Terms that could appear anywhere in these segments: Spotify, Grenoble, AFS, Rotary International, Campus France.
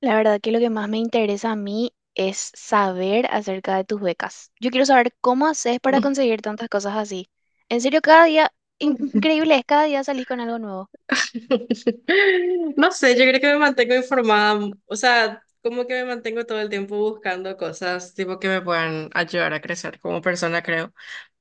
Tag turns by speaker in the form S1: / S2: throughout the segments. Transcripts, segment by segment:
S1: La verdad que lo que más me interesa a mí es saber acerca de tus becas. Yo quiero saber cómo haces para conseguir tantas cosas así. En serio, cada día, increíble es, cada día salís con algo nuevo.
S2: No sé, yo creo que me mantengo informada, o sea, como que me mantengo todo el tiempo buscando cosas tipo que me puedan ayudar a crecer como persona, creo.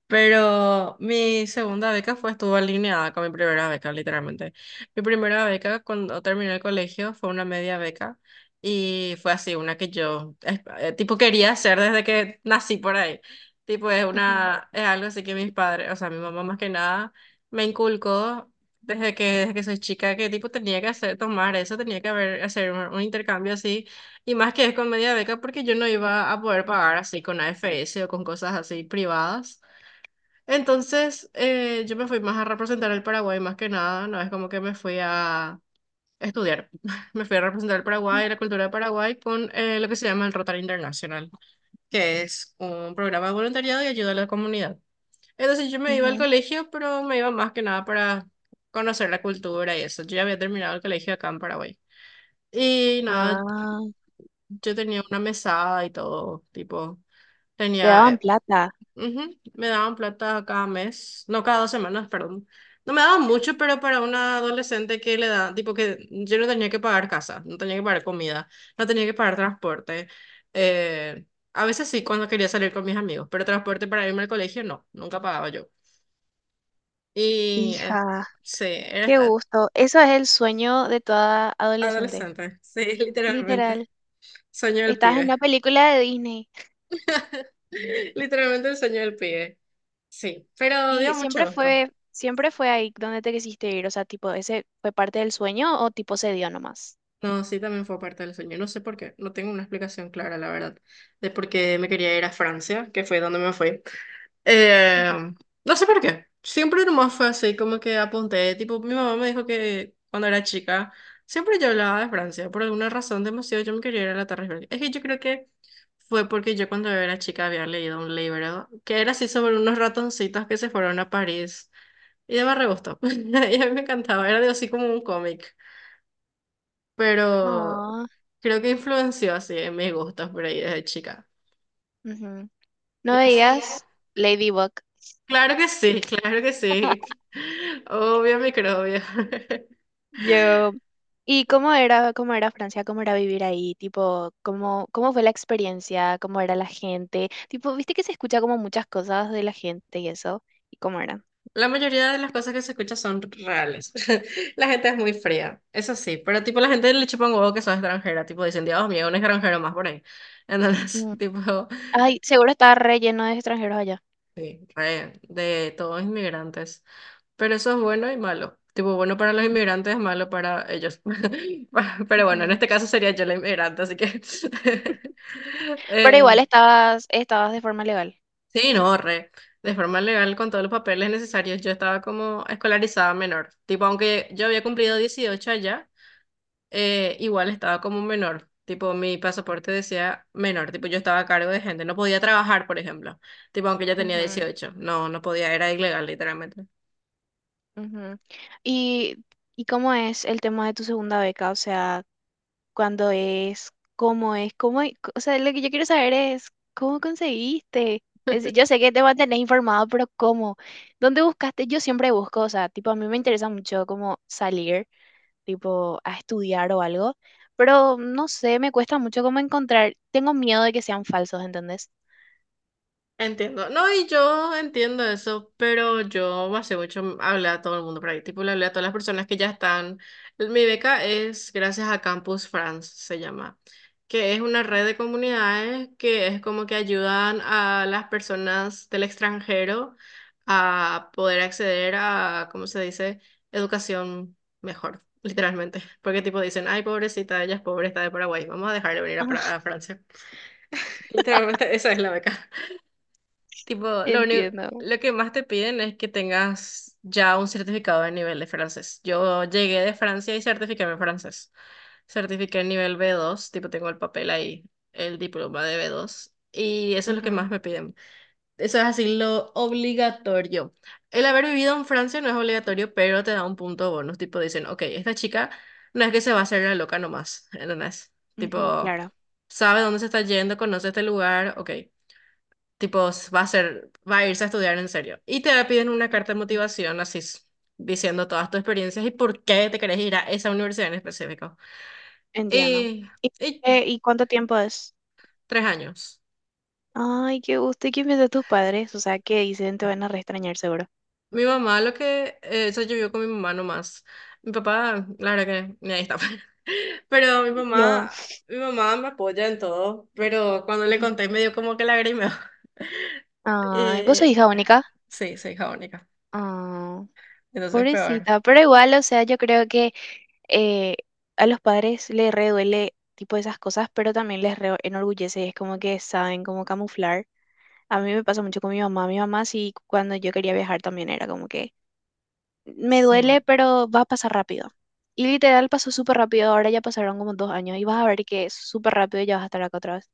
S2: Pero mi segunda beca fue, estuvo alineada con mi primera beca, literalmente. Mi primera beca cuando terminé el colegio fue una media beca y fue así, una que yo, tipo, quería hacer desde que nací por ahí. Tipo, es
S1: Ujú,
S2: una, es algo así que mis padres, o sea, mi mamá más que nada me inculcó desde que soy chica que, tipo, tenía que hacer, tomar eso, tenía que haber, hacer un intercambio así. Y más que es con media beca porque yo no iba a poder pagar así con AFS o con cosas así privadas. Entonces, yo me fui más a representar el Paraguay, más que nada, no es como que me fui a estudiar. Me fui a representar el Paraguay, la cultura de Paraguay, con lo que se llama el Rotary International, que es un programa de voluntariado y ayuda a la comunidad. Entonces, yo me iba al
S1: ujú.
S2: colegio, pero me iba más que nada para conocer la cultura y eso. Yo ya había terminado el colegio acá en Paraguay. Y nada,
S1: Ah,
S2: yo tenía una mesada y todo, tipo.
S1: te
S2: Tenía,
S1: daban plata.
S2: ujú. Me daban plata cada mes, no cada dos semanas, perdón. No me daban mucho, pero para una adolescente que le da, tipo que yo no tenía que pagar casa, no tenía que pagar comida, no tenía que pagar transporte. Eh, a veces sí, cuando quería salir con mis amigos, pero transporte para irme al colegio no, nunca pagaba yo. Y
S1: Hija,
S2: sí, era
S1: qué
S2: esta-
S1: gusto. Eso es el sueño de toda adolescente.
S2: adolescente, sí, literalmente.
S1: Literal.
S2: Sueño del
S1: Estabas en
S2: pibe.
S1: una película de Disney
S2: Literalmente el sueño del pibe. Sí, pero
S1: y
S2: dio mucho gusto.
S1: siempre fue ahí donde te quisiste ir. O sea, tipo, ¿ese fue parte del sueño o tipo se dio nomás?
S2: No, sí, también fue parte del sueño. No sé por qué, no tengo una explicación clara, la verdad, de por qué me quería ir a Francia, que fue donde me fui. Eh, no sé por qué. Siempre nomás fue así, como que apunté. Tipo, mi mamá me dijo que cuando era chica, siempre yo hablaba de Francia. Por alguna razón demasiado yo me quería ir a la Torre Eiffel. Es que yo creo que fue porque yo cuando era chica había leído un libro que era así sobre unos ratoncitos que se fueron a París. Y de me re gustó. Y a mí me encantaba, era de- así como un cómic pero
S1: Ujú.
S2: creo que influenció así en mis gustos por ahí desde chica.
S1: Ujú. No
S2: Y así-
S1: veías Ladybug.
S2: claro que sí, claro que sí. Obvio, microbio.
S1: Yo. ¿Y cómo era Francia? ¿Cómo era vivir ahí? Tipo, cómo fue la experiencia? ¿Cómo era la gente? Tipo, viste que se escucha como muchas cosas de la gente y eso. ¿Y cómo era?
S2: La mayoría de las cosas que se escuchan son reales. La gente es muy fría, eso sí, pero tipo la gente le chupa un huevo que son extranjera, tipo dicen, Dios mío, un extranjero más por ahí. Entonces,
S1: Mm.
S2: tipo,
S1: Ay, seguro estaba re lleno de extranjeros allá.
S2: sí, re, de todos inmigrantes. Pero eso es bueno y malo. Tipo, bueno para los inmigrantes, malo para ellos. Pero bueno, en
S1: Ujú.
S2: este caso sería yo la inmigrante, así que...
S1: Pero igual
S2: eh,
S1: estabas de forma legal.
S2: sí, no, re. De forma legal, con todos los papeles necesarios, yo estaba como escolarizada menor. Tipo, aunque yo había cumplido 18 allá, igual estaba como menor. Tipo, mi pasaporte decía menor. Tipo, yo estaba a cargo de gente. No podía trabajar, por ejemplo. Tipo, aunque ya tenía
S1: Ujú,
S2: 18, no, no podía, era ilegal, literalmente.
S1: ujú. ¿Y, y cómo es el tema de tu segunda beca? O sea, cuando es, cómo, e- o sea, lo que yo quiero saber es cómo conseguiste. Yo sé que te mantenés informado, pero ¿cómo? ¿Dónde buscaste? Yo siempre busco, o sea, tipo, a mí me interesa mucho como salir, tipo, a estudiar o algo, pero no sé, me cuesta mucho como encontrar, tengo miedo de que sean falsos, ¿entendés?
S2: Entiendo. No, y yo entiendo eso, pero yo hace mucho hablé a todo el mundo por ahí. Tipo, le hablé a todas las personas que ya están. Mi beca es gracias a Campus France, se llama, que es una red de comunidades que es como que ayudan a las personas del extranjero a poder acceder a, ¿cómo se dice? Educación mejor, literalmente. Porque tipo dicen, ay, pobrecita, ella es pobre, está de Paraguay, vamos a dejar de venir a, Pra-
S1: Ah,
S2: a Francia. Literalmente, esa es la beca. Tipo, lo único,
S1: entiendo.
S2: lo que más te piden es que tengas ya un certificado de nivel de francés. Yo llegué de Francia y certifiqué mi francés. Certifiqué el nivel B2, tipo tengo el papel ahí, el diploma de B2. Y eso es lo que
S1: Ujú,
S2: más me piden. Eso es así lo obligatorio. El haber vivido en Francia no es obligatorio, pero te da un punto bonus. Tipo dicen, ok, esta chica no es que se va a hacer la loca nomás, ¿entendés?
S1: ujú,
S2: Tipo,
S1: claro,
S2: sabe dónde se está yendo, conoce este lugar, ok. Tipo, s- va a ser, va a irse a estudiar en serio. Y te piden una carta de motivación, así, s- diciendo todas tus experiencias y por qué te querés ir a esa universidad en específico.
S1: entiendo.
S2: Y,
S1: ¿Y,
S2: y
S1: ¿Y cuánto tiempo es?
S2: 3 años.
S1: Ay, qué gusto. ¿Y qué piensan tus padres? O sea, ¿qué dicen? Te van a reextrañar seguro.
S2: Mi mamá, lo que, eso yo vivo con mi mamá nomás. Mi papá, la verdad que, ni ahí está. Pero
S1: Yo.
S2: mi mamá me apoya en todo, pero cuando le conté me dio como que lagrimeo.
S1: Ay, vos sos
S2: Eh,
S1: hija única.
S2: sí, soy hija única,
S1: Ah,
S2: entonces peor.
S1: pobrecita. Pero igual, o sea, yo creo que eh, a los padres les re duele tipo esas cosas, pero también les re enorgullece. Es como que saben cómo camuflar. A mí me pasa mucho con mi mamá. Mi mamá sí, cuando yo quería viajar también era como que me
S2: Sí.
S1: duele, pero va a pasar rápido. Y literal pasó súper rápido. Ahora ya pasaron como dos años y vas a ver que súper rápido ya vas a estar acá otra vez.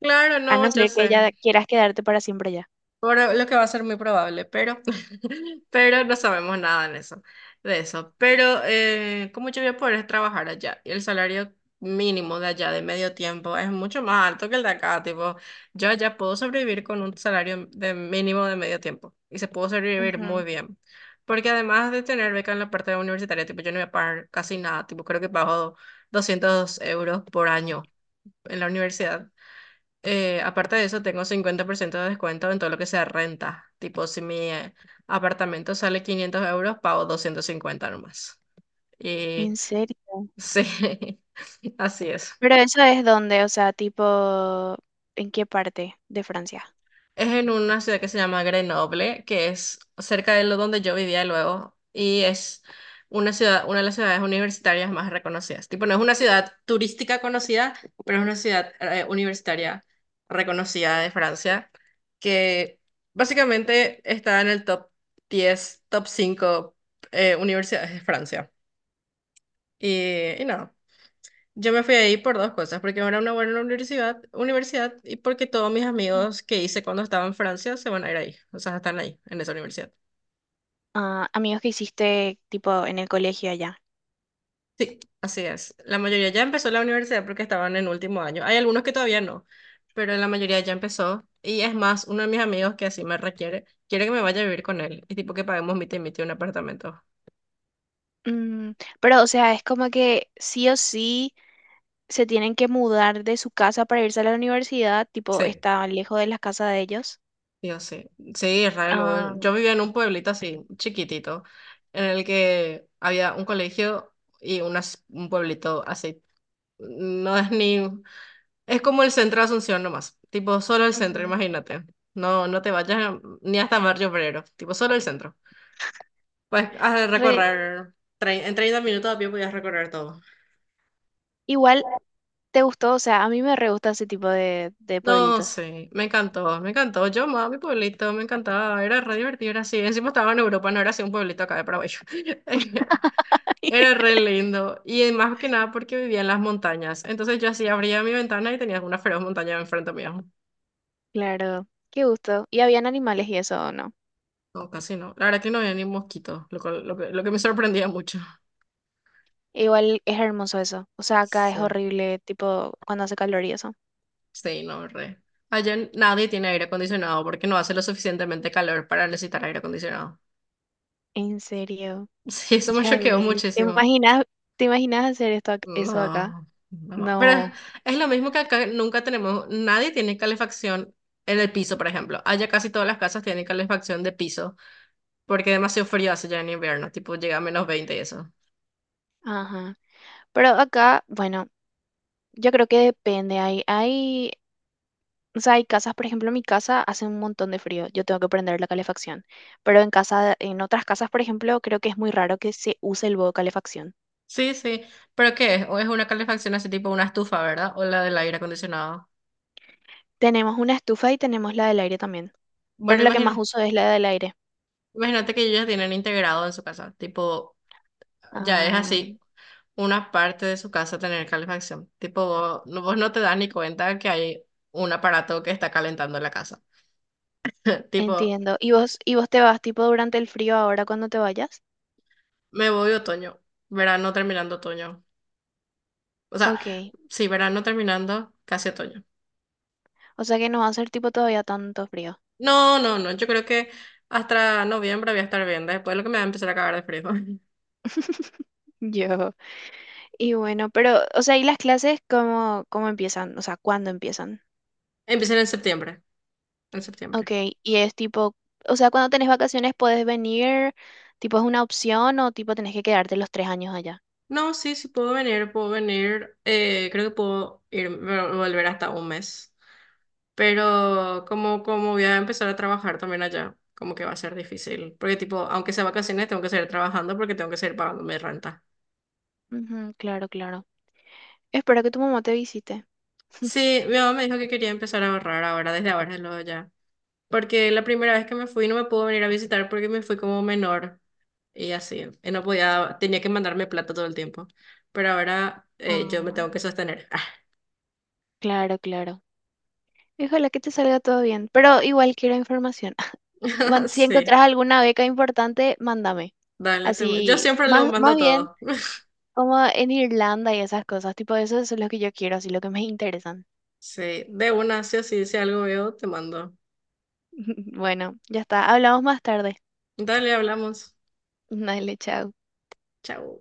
S2: Claro,
S1: A
S2: no,
S1: no
S2: yo
S1: ser que
S2: sé.
S1: ya quieras quedarte para siempre allá.
S2: Por lo que va a ser muy probable, pero, pero no sabemos nada en eso, de eso. Pero, ¿cómo yo voy a poder trabajar allá? Y el salario mínimo de allá de medio tiempo es mucho más alto que el de acá. Tipo, yo allá puedo sobrevivir con un salario de mínimo de medio tiempo y se puedo sobrevivir muy
S1: Ujú.
S2: bien. Porque además de tener beca en la parte universitaria, tipo, yo no voy a pagar casi nada. Tipo, creo que pago €200 por año en la universidad. Aparte de eso, tengo 50% de descuento en todo lo que sea renta. Tipo, si mi apartamento sale €500, pago 250 nomás. Y
S1: ¿En serio?
S2: sí, así es.
S1: Pero eso es donde, o sea, tipo, ¿en qué parte de Francia?
S2: Es en una ciudad que se llama Grenoble, que es cerca de lo donde yo vivía luego, y es una ciudad, una de las ciudades universitarias más reconocidas. Tipo, no es una ciudad turística conocida, pero es una ciudad universitaria reconocida de Francia, que básicamente está en el top 10, top 5 universidades de Francia. Y no. Yo me fui ahí por dos cosas, porque era una buena universidad, universidad y porque todos mis
S1: Ujú.
S2: amigos que hice cuando estaba en Francia se van a ir ahí, o sea, están ahí, en esa universidad.
S1: Ah, amigos que hiciste, tipo, en el colegio allá.
S2: Sí, así es. La mayoría ya empezó la universidad porque estaban en último año. Hay algunos que todavía no, pero la mayoría ya empezó. Y es más, uno de mis amigos que así me requiere, quiere que me vaya a vivir con él, y tipo que paguemos mitad y mitad un apartamento.
S1: Mm, pero, o sea, es como que sí o sí se tienen que mudar de su casa para irse a la universidad, tipo,
S2: Sí.
S1: está lejos de la casa de ellos.
S2: Yo sé. Sí, Israel
S1: Ah,
S2: re. Yo vivía en un pueblito así, chiquitito, en el que había un colegio y unas- un pueblito así. No es ni... Es como el centro de Asunción nomás. Tipo, solo el centro,
S1: ujú.
S2: imagínate. No, no te vayas ni hasta Barrio Obrero. Tipo, solo el centro. Pues has de
S1: Re-
S2: recorrer... en 30 minutos a pie podías recorrer todo.
S1: Igual, ¿te gustó? O sea, a mí me re gusta ese tipo de
S2: No,
S1: pueblitos.
S2: sí, me encantó, me encantó. Yo amaba mi pueblito, me encantaba, era re divertido, era así. Encima estaba en Europa, no era así un pueblito acá de Paraguay. Era re lindo y más que nada porque vivía en las montañas. Entonces yo así abría mi ventana y tenía una feroz montaña enfrente mío.
S1: Claro, qué gusto. ¿Y habían animales y eso o no?
S2: No, casi no. La verdad que no había ni mosquitos, lo, cual- lo que me sorprendía mucho.
S1: Igual es hermoso eso. O sea, acá es
S2: Sí,
S1: horrible, tipo, cuando hace calor y eso.
S2: sí, no, re. Allá n- nadie tiene aire acondicionado porque no hace lo suficientemente calor para necesitar aire acondicionado.
S1: En serio,
S2: Sí, eso me
S1: hija de
S2: choqueó
S1: mil.
S2: muchísimo.
S1: Te imaginas hacer esto, eso acá?
S2: No, no. Pero es
S1: No.
S2: es lo mismo que acá nunca tenemos, nadie tiene calefacción en el piso, por ejemplo. Allá casi todas las casas tienen calefacción de piso. Porque demasiado frío hace ya en invierno, tipo llega a -20 y eso.
S1: Ajá. Pero acá, bueno, yo creo que depende. O sea, hay casas, por ejemplo, en mi casa hace un montón de frío. Yo tengo que prender la calefacción. Pero en casa, en otras casas, por ejemplo, creo que es muy raro que se use el modo calefacción.
S2: Sí, sí. ¿Pero qué es? ¿O es una calefacción así tipo una estufa, ¿verdad? O la del aire acondicionado.
S1: Tenemos una estufa y tenemos la del aire también. Pero
S2: Bueno,
S1: la que más
S2: imagina-
S1: uso es la del aire.
S2: imagínate que ellos ya tienen integrado en su casa, tipo, ya es
S1: Ah.
S2: así, una parte de su casa tener calefacción. Tipo, vos no te das ni cuenta que hay un aparato que está calentando la casa. Tipo,
S1: Entiendo. ¿Y vos te vas tipo durante el frío ahora cuando te vayas?
S2: me voy otoño, verano terminando otoño. O sea,
S1: Ok.
S2: sí, verano terminando, casi otoño.
S1: O sea que no va a ser tipo todavía tanto frío.
S2: No, no, no. Yo creo que hasta noviembre voy a estar bien. Después lo que me va a empezar a cagar de frío.
S1: Yo. Y bueno, pero, o sea, ¿y las clases cómo empiezan? O sea, ¿cuándo empiezan?
S2: Empiezan en septiembre. En
S1: Ok.
S2: septiembre.
S1: Y es tipo, o sea, cuando tenés vacaciones podés venir, tipo es una opción o tipo tenés que quedarte los tres años allá.
S2: No, sí, sí puedo venir, puedo venir. Creo que puedo ir, volver hasta un mes. Pero como, como voy a empezar a trabajar también allá, como que va a ser difícil. Porque tipo, aunque sea vacaciones, tengo que seguir trabajando porque tengo que seguir pagando mi renta.
S1: Ujú, claro, claro. Espero que tu mamá te visite.
S2: Sí, mi mamá me dijo que quería empezar a ahorrar ahora, desde luego ya. Porque la primera vez que me fui no me pudo venir a visitar porque me fui como menor y así. Y no podía, tenía que mandarme plata todo el tiempo. Pero ahora yo me
S1: Ah,
S2: tengo que sostener.
S1: claro, claro. Y ojalá que te salga todo bien, pero igual quiero información. Si
S2: Sí,
S1: encontrás alguna beca importante, mándame.
S2: dale, yo
S1: Así,
S2: siempre lo mando
S1: más bien
S2: todo.
S1: como en Irlanda y esas cosas, tipo eso es lo que yo quiero, así lo que me interesan.
S2: Sí, de una, sí o sí, si algo veo, te mando.
S1: Bueno, ya está. Hablamos más tarde.
S2: Dale, hablamos.
S1: Dale, chao.
S2: Chao.